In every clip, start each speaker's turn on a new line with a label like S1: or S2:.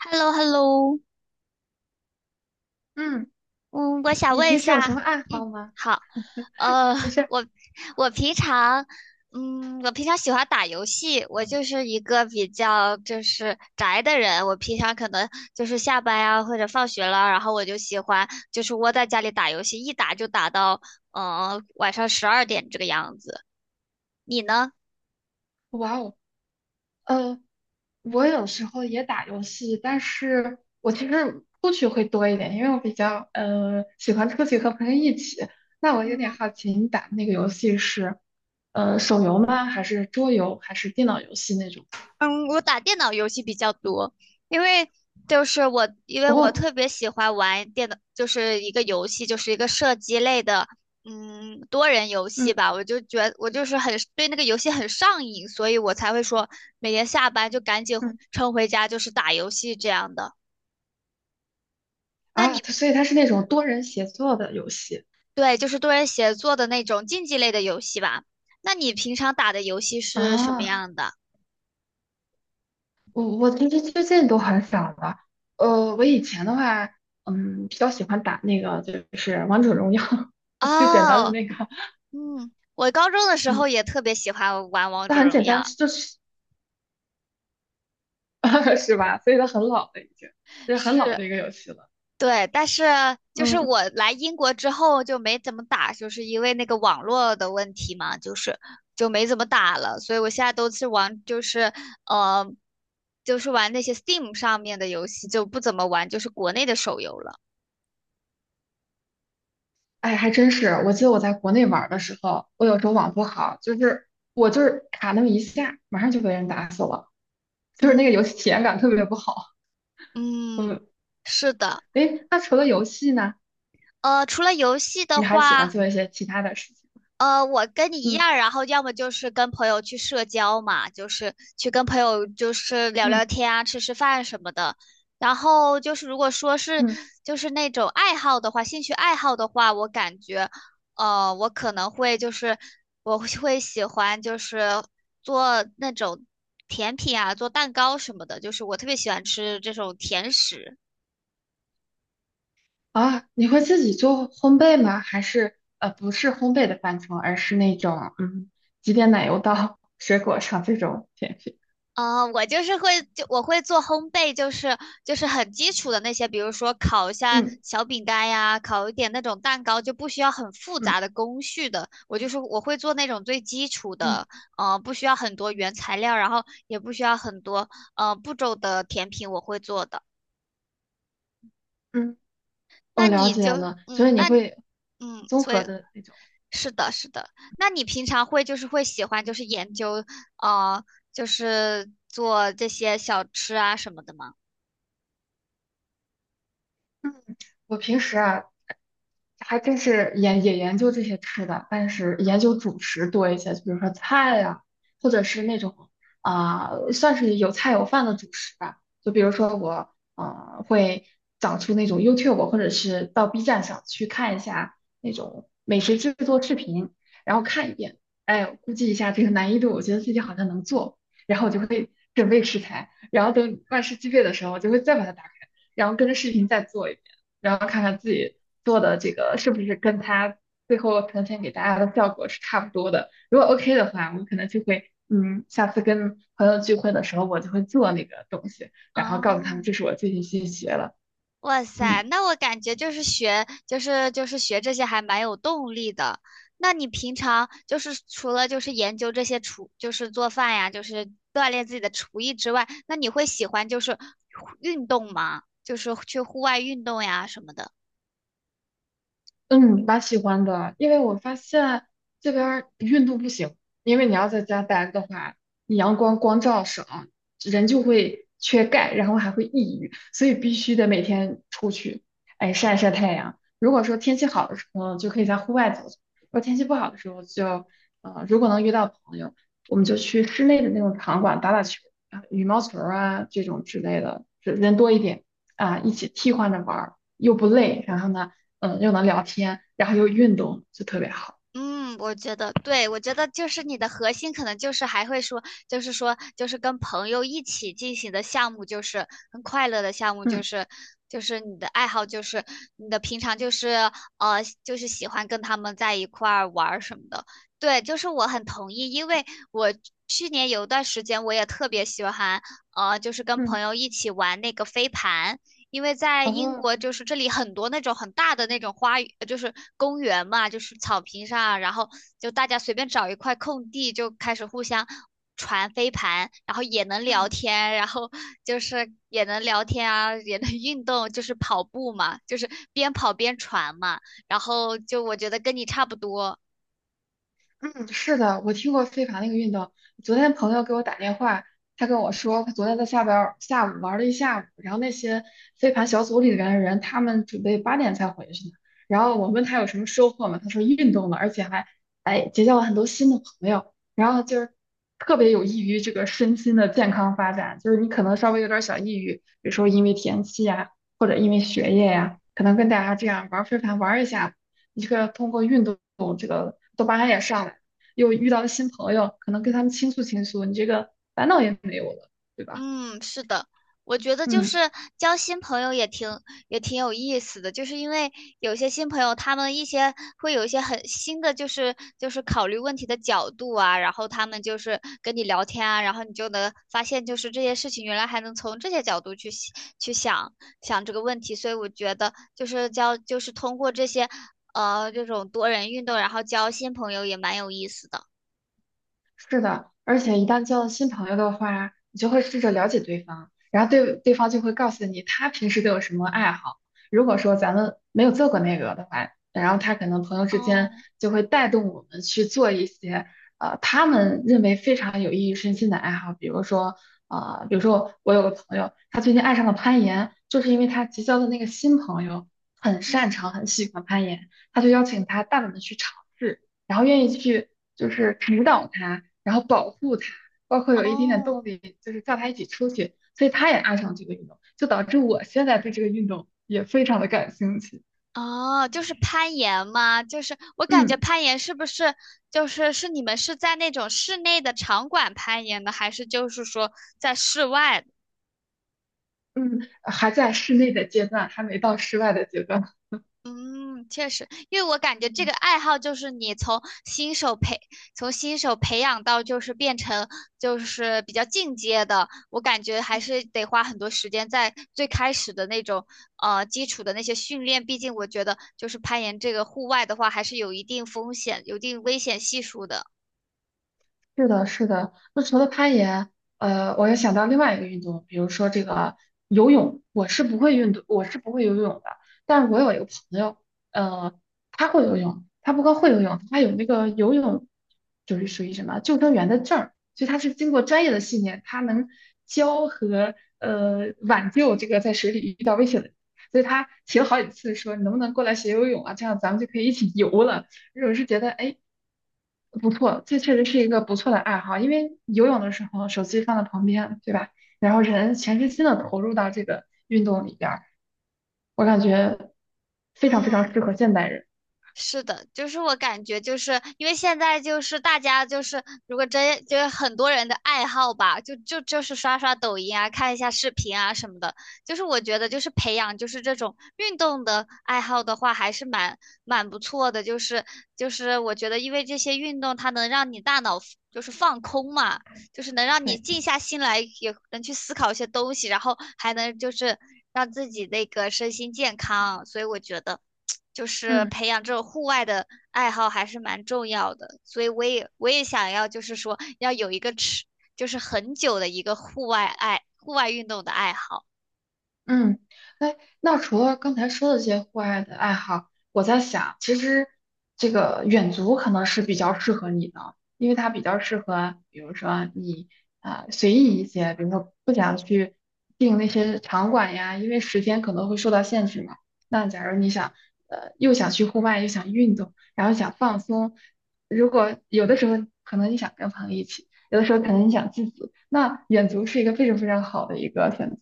S1: h e l l o h e l l o
S2: 嗯，
S1: 嗯，我想
S2: 你
S1: 问一
S2: 平时有什
S1: 下。
S2: 么爱好
S1: 嗯，
S2: 吗？
S1: 好。呃，
S2: 没事儿，
S1: 我我平常，嗯，我平常喜欢打游戏，我就是一个比较就是宅的人，我平常可能就是下班呀、或者放学了，然后我就喜欢就是窝在家里打游戏，一打就打到晚上12点这个样子。你呢？
S2: 哇哦，呃，我有时候也打游戏，但是我其实出去会多一点，因为我比较喜欢出去和朋友一起。那我有点
S1: 嗯，
S2: 好奇，你打的那个游戏是手游吗？还是桌游？还是电脑游戏那种？
S1: 嗯，我打电脑游戏比较多，因为因为我
S2: 哦，
S1: 特别喜欢玩电脑，就是一个游戏，就是一个射击类的，嗯，多人游戏
S2: 嗯
S1: 吧。我就是很对那个游戏很上瘾，所以我才会说每天下班就赶紧回
S2: 嗯
S1: 冲回家，就是打游戏这样的。那
S2: 啊，
S1: 你
S2: 它
S1: 平
S2: 所以它是那种多人协作的游戏
S1: 对，就是多人协作的那种竞技类的游戏吧？那你平常打的游戏是什么
S2: 啊。
S1: 样的？
S2: 我其实最近都很少了。我以前的话，比较喜欢打那个就是王者荣耀 最简单的
S1: 哦，
S2: 那个，
S1: 嗯，我高中的时
S2: 嗯，
S1: 候也特别喜欢玩王
S2: 它
S1: 者
S2: 很
S1: 荣
S2: 简单，
S1: 耀。
S2: 就是 是吧？所以它很老了已经，这是很老
S1: 是，
S2: 的一个游戏了。
S1: 对，但是就是
S2: 嗯，
S1: 我来英国之后就没怎么打，就是因为那个网络的问题嘛，就是就没怎么打了，所以我现在都是玩，就是呃，就是玩那些 Steam 上面的游戏，就不怎么玩就是国内的手游了。
S2: 哎，还真是。我记得我在国内玩儿的时候，我有时候网不好，就是我就是卡那么一下，马上就被人打死了，就是那个
S1: 嗯
S2: 游戏体验感特别不好。
S1: 嗯，
S2: 嗯，
S1: 是的。
S2: 哎，那除了游戏呢，
S1: 除了游戏的
S2: 你还喜欢
S1: 话。
S2: 做一些其他的事情吗？
S1: 我跟你一
S2: 嗯
S1: 样，然后要么就是跟朋友去社交嘛，就是去跟朋友就是聊
S2: 嗯。
S1: 聊天啊，吃吃饭什么的。然后就是如果说是
S2: 嗯
S1: 就是那种爱好的话，兴趣爱好的话，我感觉，我可能会就是我会喜欢就是做那种甜品啊，做蛋糕什么的，就是我特别喜欢吃这种甜食。
S2: 啊，你会自己做烘焙吗？还是不是烘焙的范畴，而是那种挤点奶油到 水果上这种甜品？
S1: 啊，我就是会我会做烘焙，就是就是很基础的那些，比如说烤一下
S2: 嗯
S1: 小饼干呀，烤一点那种蛋糕，就不需要很复
S2: 嗯
S1: 杂的工序的。我就是我会做那种最基础
S2: 嗯
S1: 的，不需要很多原材料，然后也不需要很多步骤的甜品，我会做的。
S2: 嗯，
S1: 那
S2: 我了
S1: 你
S2: 解
S1: 就
S2: 了。所
S1: 嗯，
S2: 以你
S1: 那
S2: 会
S1: 嗯，
S2: 综
S1: 所
S2: 合
S1: 以
S2: 的那种。
S1: 是的，是的。那你平常会就是会喜欢就是研究，呃，就是做这些小吃啊什么的吗？
S2: 我平时啊，还真是研也研究这些吃的，但是研究主食多一些，就比如说菜呀、或者是那种啊、算是有菜有饭的主食吧。就比如说我会找出那种 YouTube 或者是到 B 站上去看一下那种美食制作视频，然后看一遍，哎，估计一下这个难易度，我觉得自己好像能做，然后我就会准备食材，然后等万事俱备的时候，我就会再把它打开，然后跟着视频再做一遍。然后看看自己做的这个是不是跟他最后呈现给大家的效果是差不多的。如果 OK 的话，我可能就会，下次跟朋友聚会的时候，我就会做那个东西，然后告诉他
S1: 哦，
S2: 们这是我最近新学了。
S1: 哇塞，
S2: 嗯。
S1: 那我感觉就是学，就是学这些还蛮有动力的。那你平常就是除了就是研究这些厨，就是做饭呀，就是锻炼自己的厨艺之外，那你会喜欢就是运动吗？就是去户外运动呀什么的。
S2: 嗯，蛮喜欢的，因为我发现这边儿运动不行，因为你要在家待着的话，你阳光光照少，人就会缺钙，然后还会抑郁，所以必须得每天出去，哎，晒晒太阳。如果说天气好的时候，就可以在户外走走；如果天气不好的时候就，如果能遇到朋友，我们就去室内的那种场馆打打球，啊，羽毛球啊这种之类的，人多一点啊，一起替换着玩儿，又不累，然后呢。又能聊天，然后又运动，就特别好。
S1: 嗯，我觉得对，我觉得就是你的核心可能就是还会说，就是说，就是跟朋友一起进行的项目，就是很快乐的项目，就
S2: 嗯
S1: 是就是你的爱好，就是你的平常就是就是喜欢跟他们在一块儿玩儿什么的。对，就是我很同意，因为我去年有一段时间我也特别喜欢，就是跟朋
S2: 嗯，
S1: 友一起玩那个飞盘。因为在英
S2: 哦，
S1: 国就是这里很多那种很大的那种花园，就是公园嘛，就是草坪上啊，然后就大家随便找一块空地就开始互相传飞盘，然后也能聊
S2: 嗯。
S1: 天，然后就是也能聊天啊，也能运动，就是跑步嘛，就是边跑边传嘛，然后就我觉得跟你差不多。
S2: 嗯，是的，我听过飞盘那个运动。昨天朋友给我打电话，他跟我说，他昨天在下边儿下午玩了一下午，然后那些飞盘小组里边的人，他们准备8点才回去呢。然后我问他有什么收获吗？他说运动了，而且还哎结交了很多新的朋友，然后就是特别有益于这个身心的健康发展。就是你可能稍微有点儿小抑郁，比如说因为天气呀，或者因为学业呀，可能跟大家这样玩儿飞盘玩儿一下。一个通过运动这个多巴胺也上来，又遇到了新朋友，可能跟他们倾诉倾诉，你这个烦恼也没有了，对吧？
S1: 嗯，是的，我觉得就是
S2: 嗯。
S1: 交新朋友也挺有意思的，就是因为有些新朋友，他们一些会有一些很新的，就是就是考虑问题的角度啊，然后他们就是跟你聊天啊，然后你就能发现，就是这些事情原来还能从这些角度去想去想想这个问题，所以我觉得就是交就是通过这些这种多人运动，然后交新朋友也蛮有意思的。
S2: 是的，而且一旦交了新朋友的话，你就会试着了解对方，然后对对方就会告诉你他平时都有什么爱好。如果说咱们没有做过那个的话，然后他可能朋友之间
S1: 哦，
S2: 就会带动我们去做一些他们认为非常有益于身心的爱好，比如说啊呃比如说我有个朋友，他最近爱上了攀岩，就是因为他结交的那个新朋友很
S1: 嗯，
S2: 擅长、很喜欢攀岩，他就邀请他大胆的去尝试。然后愿意去就是指导他，然后保护他，包括有一点点
S1: 哦。
S2: 动力，就是叫他一起出去，所以他也爱上这个运动，就导致我现在对这个运动也非常的感兴趣。
S1: 哦，就是攀岩吗？就是我感觉
S2: 嗯
S1: 攀岩是不是就是是你们是在那种室内的场馆攀岩的，还是就是说在室外的
S2: 嗯，还在室内的阶段，还没到室外的阶段。
S1: 嗯，确实，因为我感觉这个爱好就是你从新手培从新手培养到就是变成就是比较进阶的，我感觉还是得花很多时间在最开始的那种基础的那些训练，毕竟我觉得就是攀岩这个户外的话还是有一定风险、有一定危险系数的。
S2: 是的，是的。那除了攀岩，我又想到另外一个运动，比如说这个游泳。我是不会运动，我是不会游泳的。但是我有一个朋友，呃，他会游泳，他不光会游泳，他有那个游泳，就是属于什么救生员的证儿，所以他是经过专业的训练，他能教和挽救这个在水里遇到危险的人。所以他提了好几次说，你能不能过来学游泳啊？这样咱们就可以一起游了。我是觉得，哎。不错，这确实是一个不错的爱好，因为游泳的时候手机放在旁边，对吧？然后人全身心的投入到这个运动里边儿，我感觉非常非常
S1: 嗯，
S2: 适合现代人。
S1: 是的，就是我感觉，就是因为现在就是大家就是，如果真就是很多人的爱好吧，就是刷刷抖音啊，看一下视频啊什么的。就是我觉得，就是培养就是这种运动的爱好的话，还是蛮蛮不错的。就是就是我觉得，因为这些运动它能让你大脑就是放空嘛，就是能让你
S2: 对，
S1: 静下心来，也能去思考一些东西，然后还能就是让自己那个身心健康。所以我觉得。就是
S2: 嗯。
S1: 培养这种户外的爱好还是蛮重要的，所以我也想要，就是说要有一个持，就是很久的一个户外运动的爱好。
S2: 嗯，哎，那除了刚才说的这些户外的爱好，我在想，其实这个远足可能是比较适合你的，因为它比较适合，比如说你啊、随意一些，比如说不想去订那些场馆呀，因为时间可能会受到限制嘛。那假如你想，又想去户外，又想运动，然后想放松，如果有的时候可能你想跟朋友一起，有的时候可能你想自己，那远足是一个非常非常好的一个选择。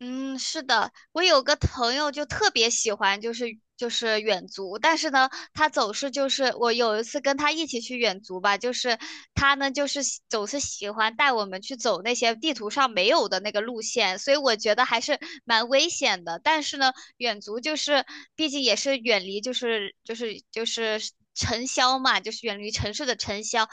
S1: 嗯，是的，我有个朋友就特别喜欢，就是就是远足，但是呢，他总是就是我有一次跟他一起去远足吧，就是他呢就是喜总是喜欢带我们去走那些地图上没有的那个路线，所以我觉得还是蛮危险的。但是呢，远足就是毕竟也是远离就是就是就是。尘嚣嘛，就是远离城市的尘嚣，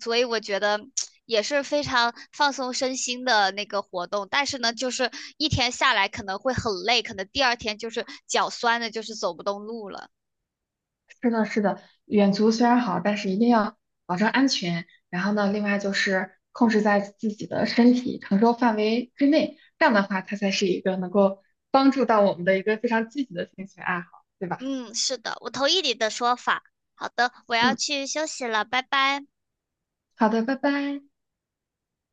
S1: 所以我觉得也是非常放松身心的那个活动。但是呢，就是一天下来可能会很累，可能第二天就是脚酸的，就是走不动路了。
S2: 是的，是的，远足虽然好，但是一定要保证安全。然后呢，另外就是控制在自己的身体承受范围之内，这样的话，它才是一个能够帮助到我们的一个非常积极的兴趣爱好，对吧？
S1: 嗯，是的，我同意你的说法。好的，我要
S2: 嗯，
S1: 去休息了，拜拜。
S2: 好的，拜拜。